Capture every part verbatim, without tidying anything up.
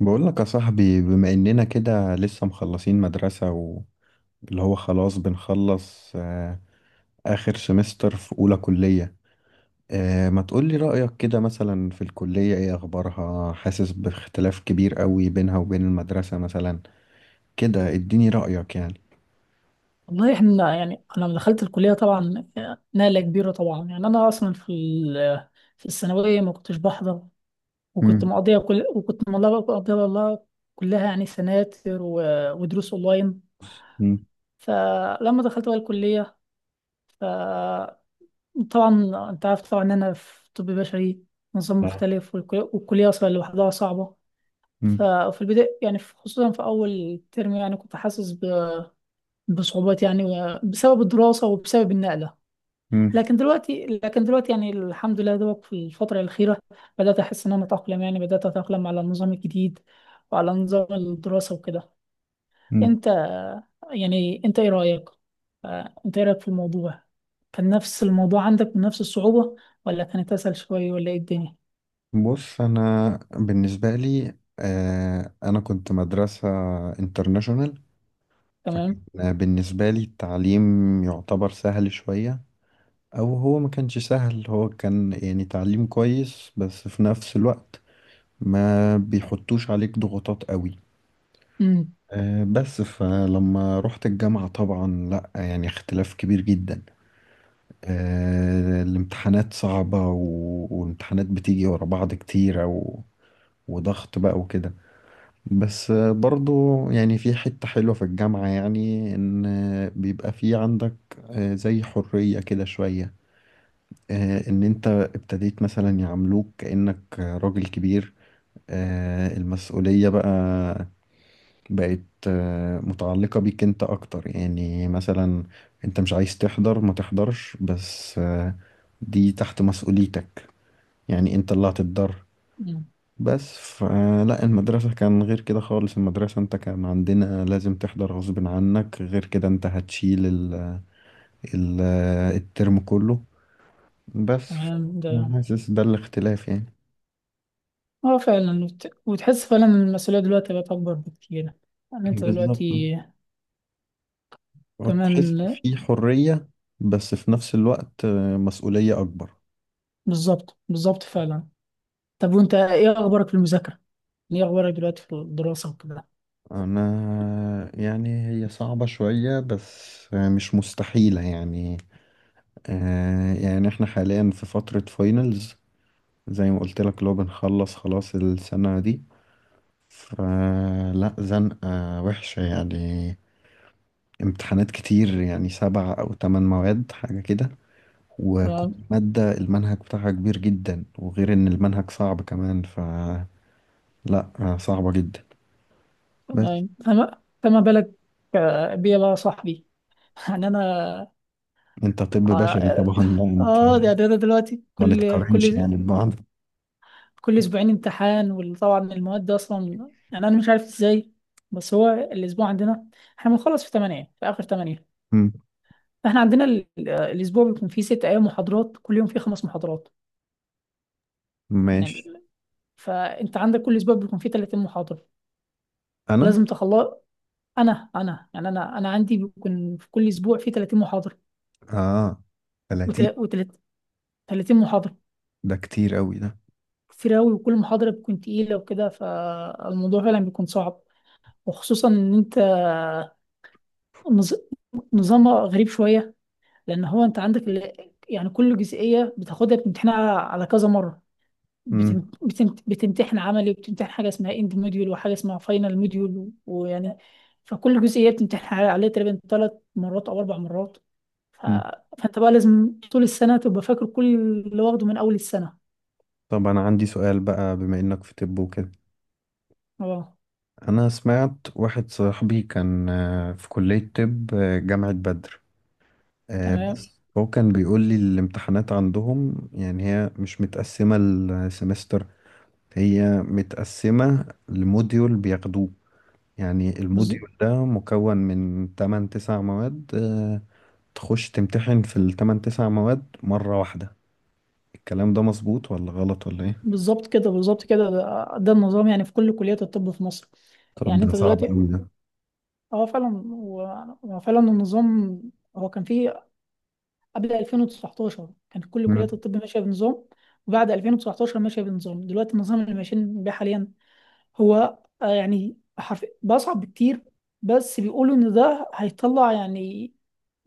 بقول لك يا صاحبي، بما اننا كده لسه مخلصين مدرسة واللي هو خلاص بنخلص، آه، اخر سمستر في اولى كلية. آه، ما تقولي رأيك كده مثلا في الكلية، ايه اخبارها؟ حاسس باختلاف كبير قوي بينها وبين المدرسة مثلا كده، اديني رأيك يعني. والله احنا يعني انا لما دخلت الكليه طبعا، نقله كبيره طبعا. يعني انا اصلا في ال- في الثانويه ما كنتش بحضر. وكنت مم. مقضيها كل وكنت مقضيها والله كلها، يعني سناتر و- ودروس اونلاين. مم. فلما دخلت بقى الكليه، فطبعا انت عارف طبعا ان انا في طب بشري، نظام مختلف، والكل- والكليه اصلا لوحدها صعبه. مم. ففي البدايه يعني في- خصوصا في اول ترم، يعني كنت حاسس ب- بصعوبات يعني، بسبب الدراسه وبسبب النقله. مم. لكن دلوقتي لكن دلوقتي، يعني الحمد لله دوك في الفترة الأخيرة بدأت أحس إن أنا أتأقلم، يعني بدأت أتأقلم على النظام الجديد وعلى نظام الدراسة وكده. مم. أنت يعني أنت إيه رأيك؟ آه، أنت إيه رأيك في الموضوع؟ كان نفس الموضوع عندك بنفس الصعوبة، ولا كانت أسهل شوية، ولا إيه الدنيا؟ بص، انا بالنسبة لي آه، انا كنت مدرسة انترناشونال. تمام؟ فكان بالنسبة لي التعليم يعتبر سهل شوية، أو هو ما كانش سهل، هو كان يعني تعليم كويس بس في نفس الوقت ما بيحطوش عليك ضغوطات قوي. أمم. أه بس فلما رحت الجامعة طبعا لأ، يعني اختلاف كبير جدا. أه الامتحانات صعبة و... والامتحانات بتيجي ورا بعض كتير أو... وضغط بقى وكده. بس برضو يعني في حتة حلوة في الجامعة، يعني إن بيبقى في عندك آه، زي حرية كده شوية. آه، إن أنت ابتديت مثلا يعاملوك كأنك راجل كبير. آه، المسؤولية بقى بقت آه، متعلقة بيك أنت أكتر يعني مثلا. أنت مش عايز تحضر ما تحضرش بس، آه، دي تحت مسؤوليتك. يعني أنت اللي هتتضرر. أمم، بس ف... لا، المدرسة كان غير كده خالص، المدرسة انت كان عندنا لازم تحضر غصب عنك، غير كده انت هتشيل ال... ال... الترم كله. بس ف- تمام ده. حاسس ده الاختلاف يعني. أه فعلا، وت- وتحس فعلا إن المسؤولية دلوقتي بقت أكبر بكتير. يعني أنت بالظبط. دلوقتي تحس كمان. في حرية بس في نفس الوقت، آه، مسؤولية أكبر. بالظبط بالظبط فعلا. طب وأنت إيه أخبارك في المذاكرة؟ ايه اخبارك دلوقتي في الدراسه وكده؟ أنا يعني هي صعبة شوية بس آه، مش مستحيلة يعني. آه، يعني احنا حاليا في فترة فاينلز. زي ما قلت لك، لو بنخلص خلاص السنة دي. فلا، زنقة وحشة يعني. امتحانات كتير يعني سبع أو تمن مواد حاجة كده. وكل تمام مادة المنهج بتاعها كبير جدا، وغير إن المنهج صعب كمان فلا. صعبة جدا. بس تمام. فما فما بالك؟ آه، بيا بقى يا صاحبي يعني انا. أنت طب بشري اه. طبعا، لا أنت آه، يعني انا دلوقتي ما كل نتقارنش كل يعني ببعض. كل اسبوعين امتحان، وطبعا المواد دي اصلا يعني انا مش عارف ازاي. بس هو الاسبوع عندنا، احنا بنخلص في تمانية، في اخر تمانية. مم. فاحنا عندنا ال- آه، الاسبوع بيكون فيه ست ايام محاضرات، كل يوم فيه خمس محاضرات. يعني ماشي. ال- فانت عندك كل اسبوع بيكون فيه ثلاثين محاضره أنا، لازم تخلص. انا انا يعني انا انا عندي بيكون في كل اسبوع في تلاتين محاضره، آه، ثلاثين، وثلاثين محاضره. ده كتير قوي ده. كتير أوي، وكل محاضره بتكون تقيله وكده، فالموضوع فعلا بيكون صعب. وخصوصا ان انت نظ- نظامها غريب شويه، لان هو انت عندك ال- يعني كل جزئيه بتاخدها بتمتحنها على كذا مره. مم. بتم- بتم- بتمتحن عملي، وبتمتحن حاجه اسمها اند موديول، وحاجه اسمها فاينل موديول ويعني. فكل جزئيه بتمتحن عليها تقريبا ثلاث مرات او اربع مرات. ف... مم. فانت بقى لازم طول السنة تبقى فاكر كل اللي واخده من أول السنة. طب، أنا عندي سؤال بقى بما إنك في طب وكده. اه أنا سمعت واحد صاحبي كان آه، في كلية طب آه، جامعة بدر. آه، تمام. بس هو ك- كان بيقول لي الامتحانات عندهم يعني هي مش متقسمة السمستر. هي متقسمة لموديول بياخدوه. يعني بز- الموديول ده مكون من تمن تسع مواد، آه، تخش تمتحن في ال تمانية تسع مواد مرة واحدة. الكلام ده مظبوط ولا غلط ولا ايه؟ بالظبط كده، بالظبط كده، ده, ده النظام يعني في كل كليات الطب في مصر. طب، يعني ده انت صعب دلوقتي. أوي ده. اه فعلا هو، هو فعلا النظام. هو كان فيه قبل الفين وتسعتاشر كانت كل كليات مم. الطب ماشية بنظام، وبعد الفين وتسعتاشر ماشية بنظام دلوقتي، النظام اللي ماشيين بيه حاليا. هو آه، يعني حرف بصعب بكتير. بس بيقولوا ان ده هيطلع يعني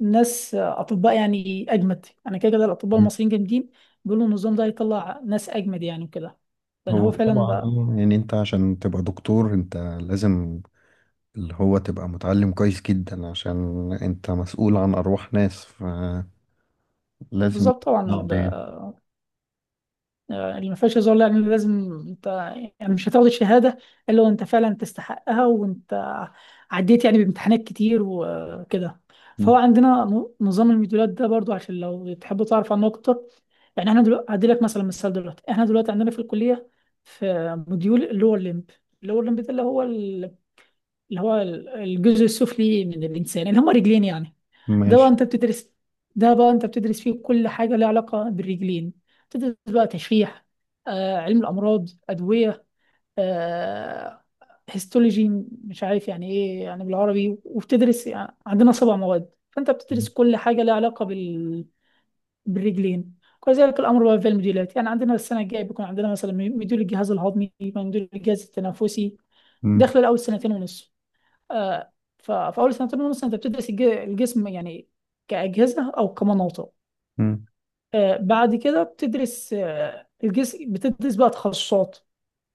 ناس آه، اطباء يعني اجمد. يعني كده كده الاطباء المصريين جامدين، بيقولوا النظام ده هيطلع ناس اجمد يعني وكده، لان هو هو فعلا طبعا بقى. آه، يعني انت عشان تبقى دكتور انت لازم اللي هو تبقى متعلم كويس جدا، عشان انت مسؤول عن ارواح ناس فلازم. بالظبط طبعا. اه اه. آه، اللي ما فيهاش هزار. لا يعني لازم انت، يعني مش هتاخد الشهاده الا وانت فعلا تستحقها، وانت عديت يعني بامتحانات كتير وكده. فهو عندنا ن- نظام الموديولات ده برضو، عشان لو تحب تعرف عنه اكتر. يعني احنا دلوقتي هدي لك مثلا مثال. دلوقتي احنا دلوقتي عندنا في الكليه في موديول اللور ليمب. اللور ليمب ده اللي هو، اللي هو ال- الجزء السفلي من الإنسان اللي هما رجلين يعني. ده بقى ماشي. أنت بتدرس ده بقى أنت بتدرس فيه كل حاجة لها علاقة بالرجلين. تدرس بقى تشريح، آه، علم الأمراض، أدوية، آه، هيستولوجي، مش عارف يعني إيه يعني بالعربي. وبتدرس يعني عندنا سبع مواد، فأنت بتدرس كل حاجة لها علاقة بال... بالرجلين. وكذلك الأمر بقى في المديولات، يعني عندنا السنة الجاية بيكون عندنا مثلا مديول الجهاز الهضمي، مديول الجهاز التنفسي. مم. داخل الأول سنتين ونص. آه، ففي اول سنتين مثلا انت بتدرس الج- الجسم يعني كاجهزه او كمناطق. مم. آه، بعد كده بتدرس آه، الجسم، بتدرس بقى تخصصات.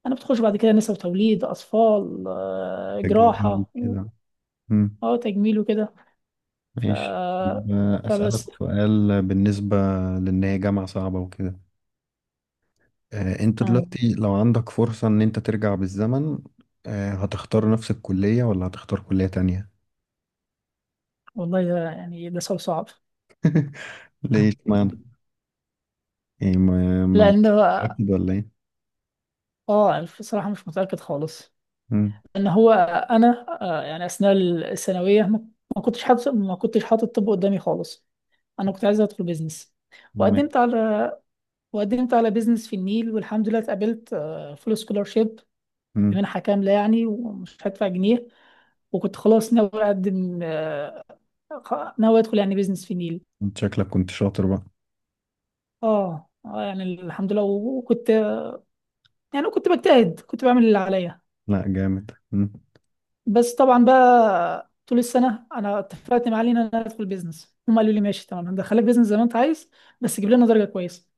انا بتخش بعد كده نساء وتوليد، اطفال، آه، تجميل جراحه. كده. مم. اه تجميل وكده. ف... ماشي طب، آه، اسالك فبس. سؤال بالنسبه لان هي جامعه صعبه وكده. آه، انت آه، دلوقتي لو عندك فرصه ان انت ترجع بالزمن، آه، هتختار نفس الكليه ولا هتختار كليه تانية؟ والله ده يعني ده سؤال صعب. ليه اشمعنى؟ ايه، ما ما- لان. مش متأكد ولا ايه؟ اه بصراحه مش متاكد خالص. مم. ان هو انا آه، يعني اثناء الثانويه ما ما كنتش حاطط، ما كنتش حاطط طب قدامي خالص. انا كنت عايزه ادخل بيزنس. مم. وقدمت على وقدمت على بيزنس في النيل، والحمد لله اتقابلت فول سكولارشيب مم. بمنحه كامله يعني، ومش هدفع جنيه. وكنت خلاص ناوي اقدم، آه، خ- ناوي ادخل يعني بيزنس في النيل. انت شكلك كنت شاطر بقى. اه اه، يعني الحمد لله. وكنت يعني كنت بجتهد، كنت بعمل اللي عليا. لا، جامد. مم. بس طبعا بقى طول السنه انا اتفقت مع علي ان انا ادخل بيزنس، هم قالوا لي ماشي تمام هندخلك بيزنس زي ما انت عايز، بس جيب لنا درجه كويسه.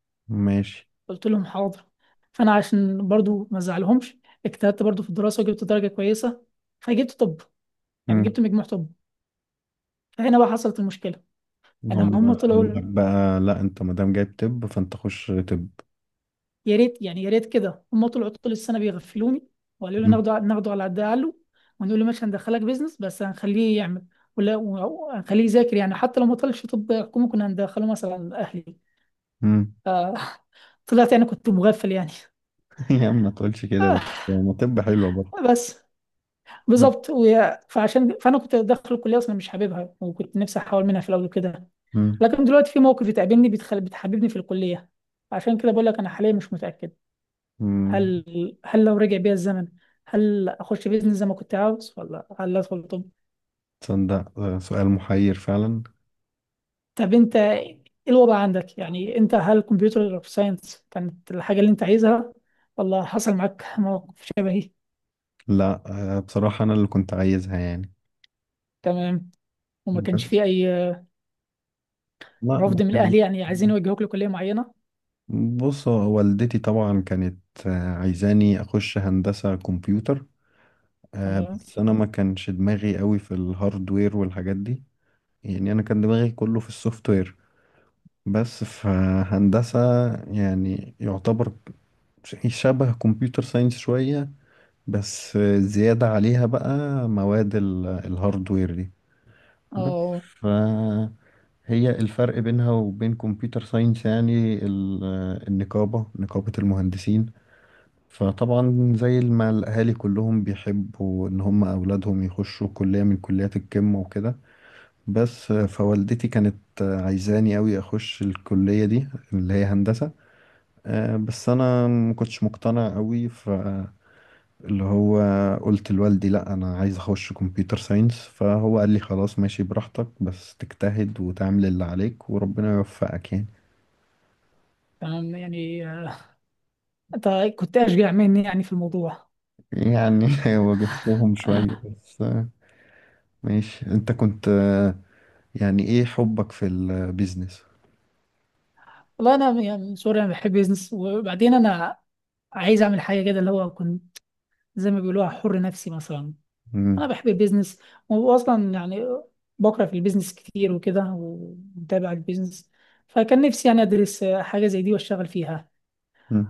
ماشي. قلت لهم حاضر. فانا عشان برضو ما ازعلهمش، اجتهدت برضو في الدراسه وجبت درجه كويسه، فجبت طب. يعني مم. جبت مجموع طب. فهنا بقى حصلت المشكله. يعني هم هم قالوا لك طلعوا، بقى لا، انت ما دام جايب طب فانت خش طب. يا ريت يعني يا ريت كده، هم طلعوا طول السنه بيغفلوني، وقالوا لي مم. ناخده ناخده على قد عقله، ونقول له ماشي هندخلك بيزنس، بس هنخليه يعمل ولا هنخليه يذاكر. يعني حتى لو ما طلعش طب حكومه كنا هندخله مثلا اهلي. مم. آه، طلعت يعني كنت مغفل يعني يا عم، ما تقولش كده بس. ما، طب حلوة آه، برضه. بس مم. بالظبط. وهي- فعشان فانا كنت داخل الكليه اصلا مش حاببها، وكنت نفسي احاول منها في الاول كده. مم. لكن دلوقتي في مواقف بتقابلني بتخل... بتحببني في الكليه. عشان كده بقول لك انا حاليا مش متاكد. مم. هل هل لو رجع بيا الزمن، هل اخش بيزنس زي ما كنت عاوز، ولا هل ادخل طب. تصدق، آه، سؤال محير فعلا. طب انت ايه الوضع عندك؟ يعني انت هل كمبيوتر ساينس كانت الحاجه اللي انت عايزها، ولا حصل معاك موقف شبهي؟ لا، آه، بصراحة انا اللي كنت عايزها يعني. تمام. وما كانش بس. فيه اي لا، ما رفض من كان. الاهل يعني عايزين يوجهوك لكليه معينه؟ بص، هو والدتي طبعا كانت آه، عايزاني اخش هندسة كمبيوتر. آه، تمام. بس انا ما كانش دماغي قوي في الهاردوير والحاجات دي. يعني انا كان دماغي كله في السوفت وير. بس في هندسة يعني يعتبر ش- شبه كمبيوتر ساينس شوية. بس زيادة عليها بقى مواد ال- الهاردوير دي. بس اه ف هي الفرق بينها وبين كمبيوتر ساينس يعني ال- النقابة، نقابة المهندسين. فطبعا زي ما الأهالي كلهم بيحبوا إن هم أولادهم يخشوا كلية من كليات القمة وكده. بس فوالدتي كانت عايزاني أوي أخش الكلية دي اللي هي هندسة. آه، بس أنا ما كنتش مقتنع أوي فاللي هو قلت لوالدي لأ، أنا عايز أخش كمبيوتر ساينس، فهو قال لي خلاص ماشي براحتك بس تجتهد وتعمل اللي عليك وربنا يوفقك يعني. تمام يعني. آه، انت كنت اشجع مني يعني في الموضوع. يعني واجهتهم شوية بس. آه، ماشي، أنت كنت، آه، يعني إيه حبك في البيزنس؟ والله انا يعني من سوري انا بحب بيزنس، وبعدين انا عايز اعمل حاجه كده اللي هو كنت زي ما بيقولوها حر نفسي مثلا. انا مم. بحب البيزنس، واصلا يعني بقرا في البيزنس كتير وكده، ومتابع البيزنس. فكان نفسي يعني ادرس آه، حاجه زي دي واشتغل فيها.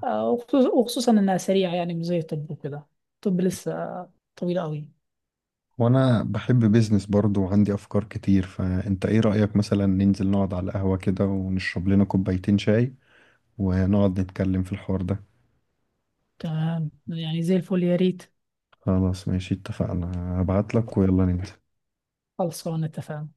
آه، وخصوص- وخصوصا انها سريعه يعني مش زي الطب وكده. الطب لسه طويل قوي. وانا بحب بيزنس برضو وعندي افكار كتير، فانت ايه رأيك مثلا ننزل نقعد على القهوة كده ونشرب لنا كوبايتين شاي ونقعد نتكلم في الحوار ده. تمام يعني زي الفل يا ريت. خلاص ماشي، اتفقنا. هبعت لك ويلا ننزل. خلصانه اتفقنا.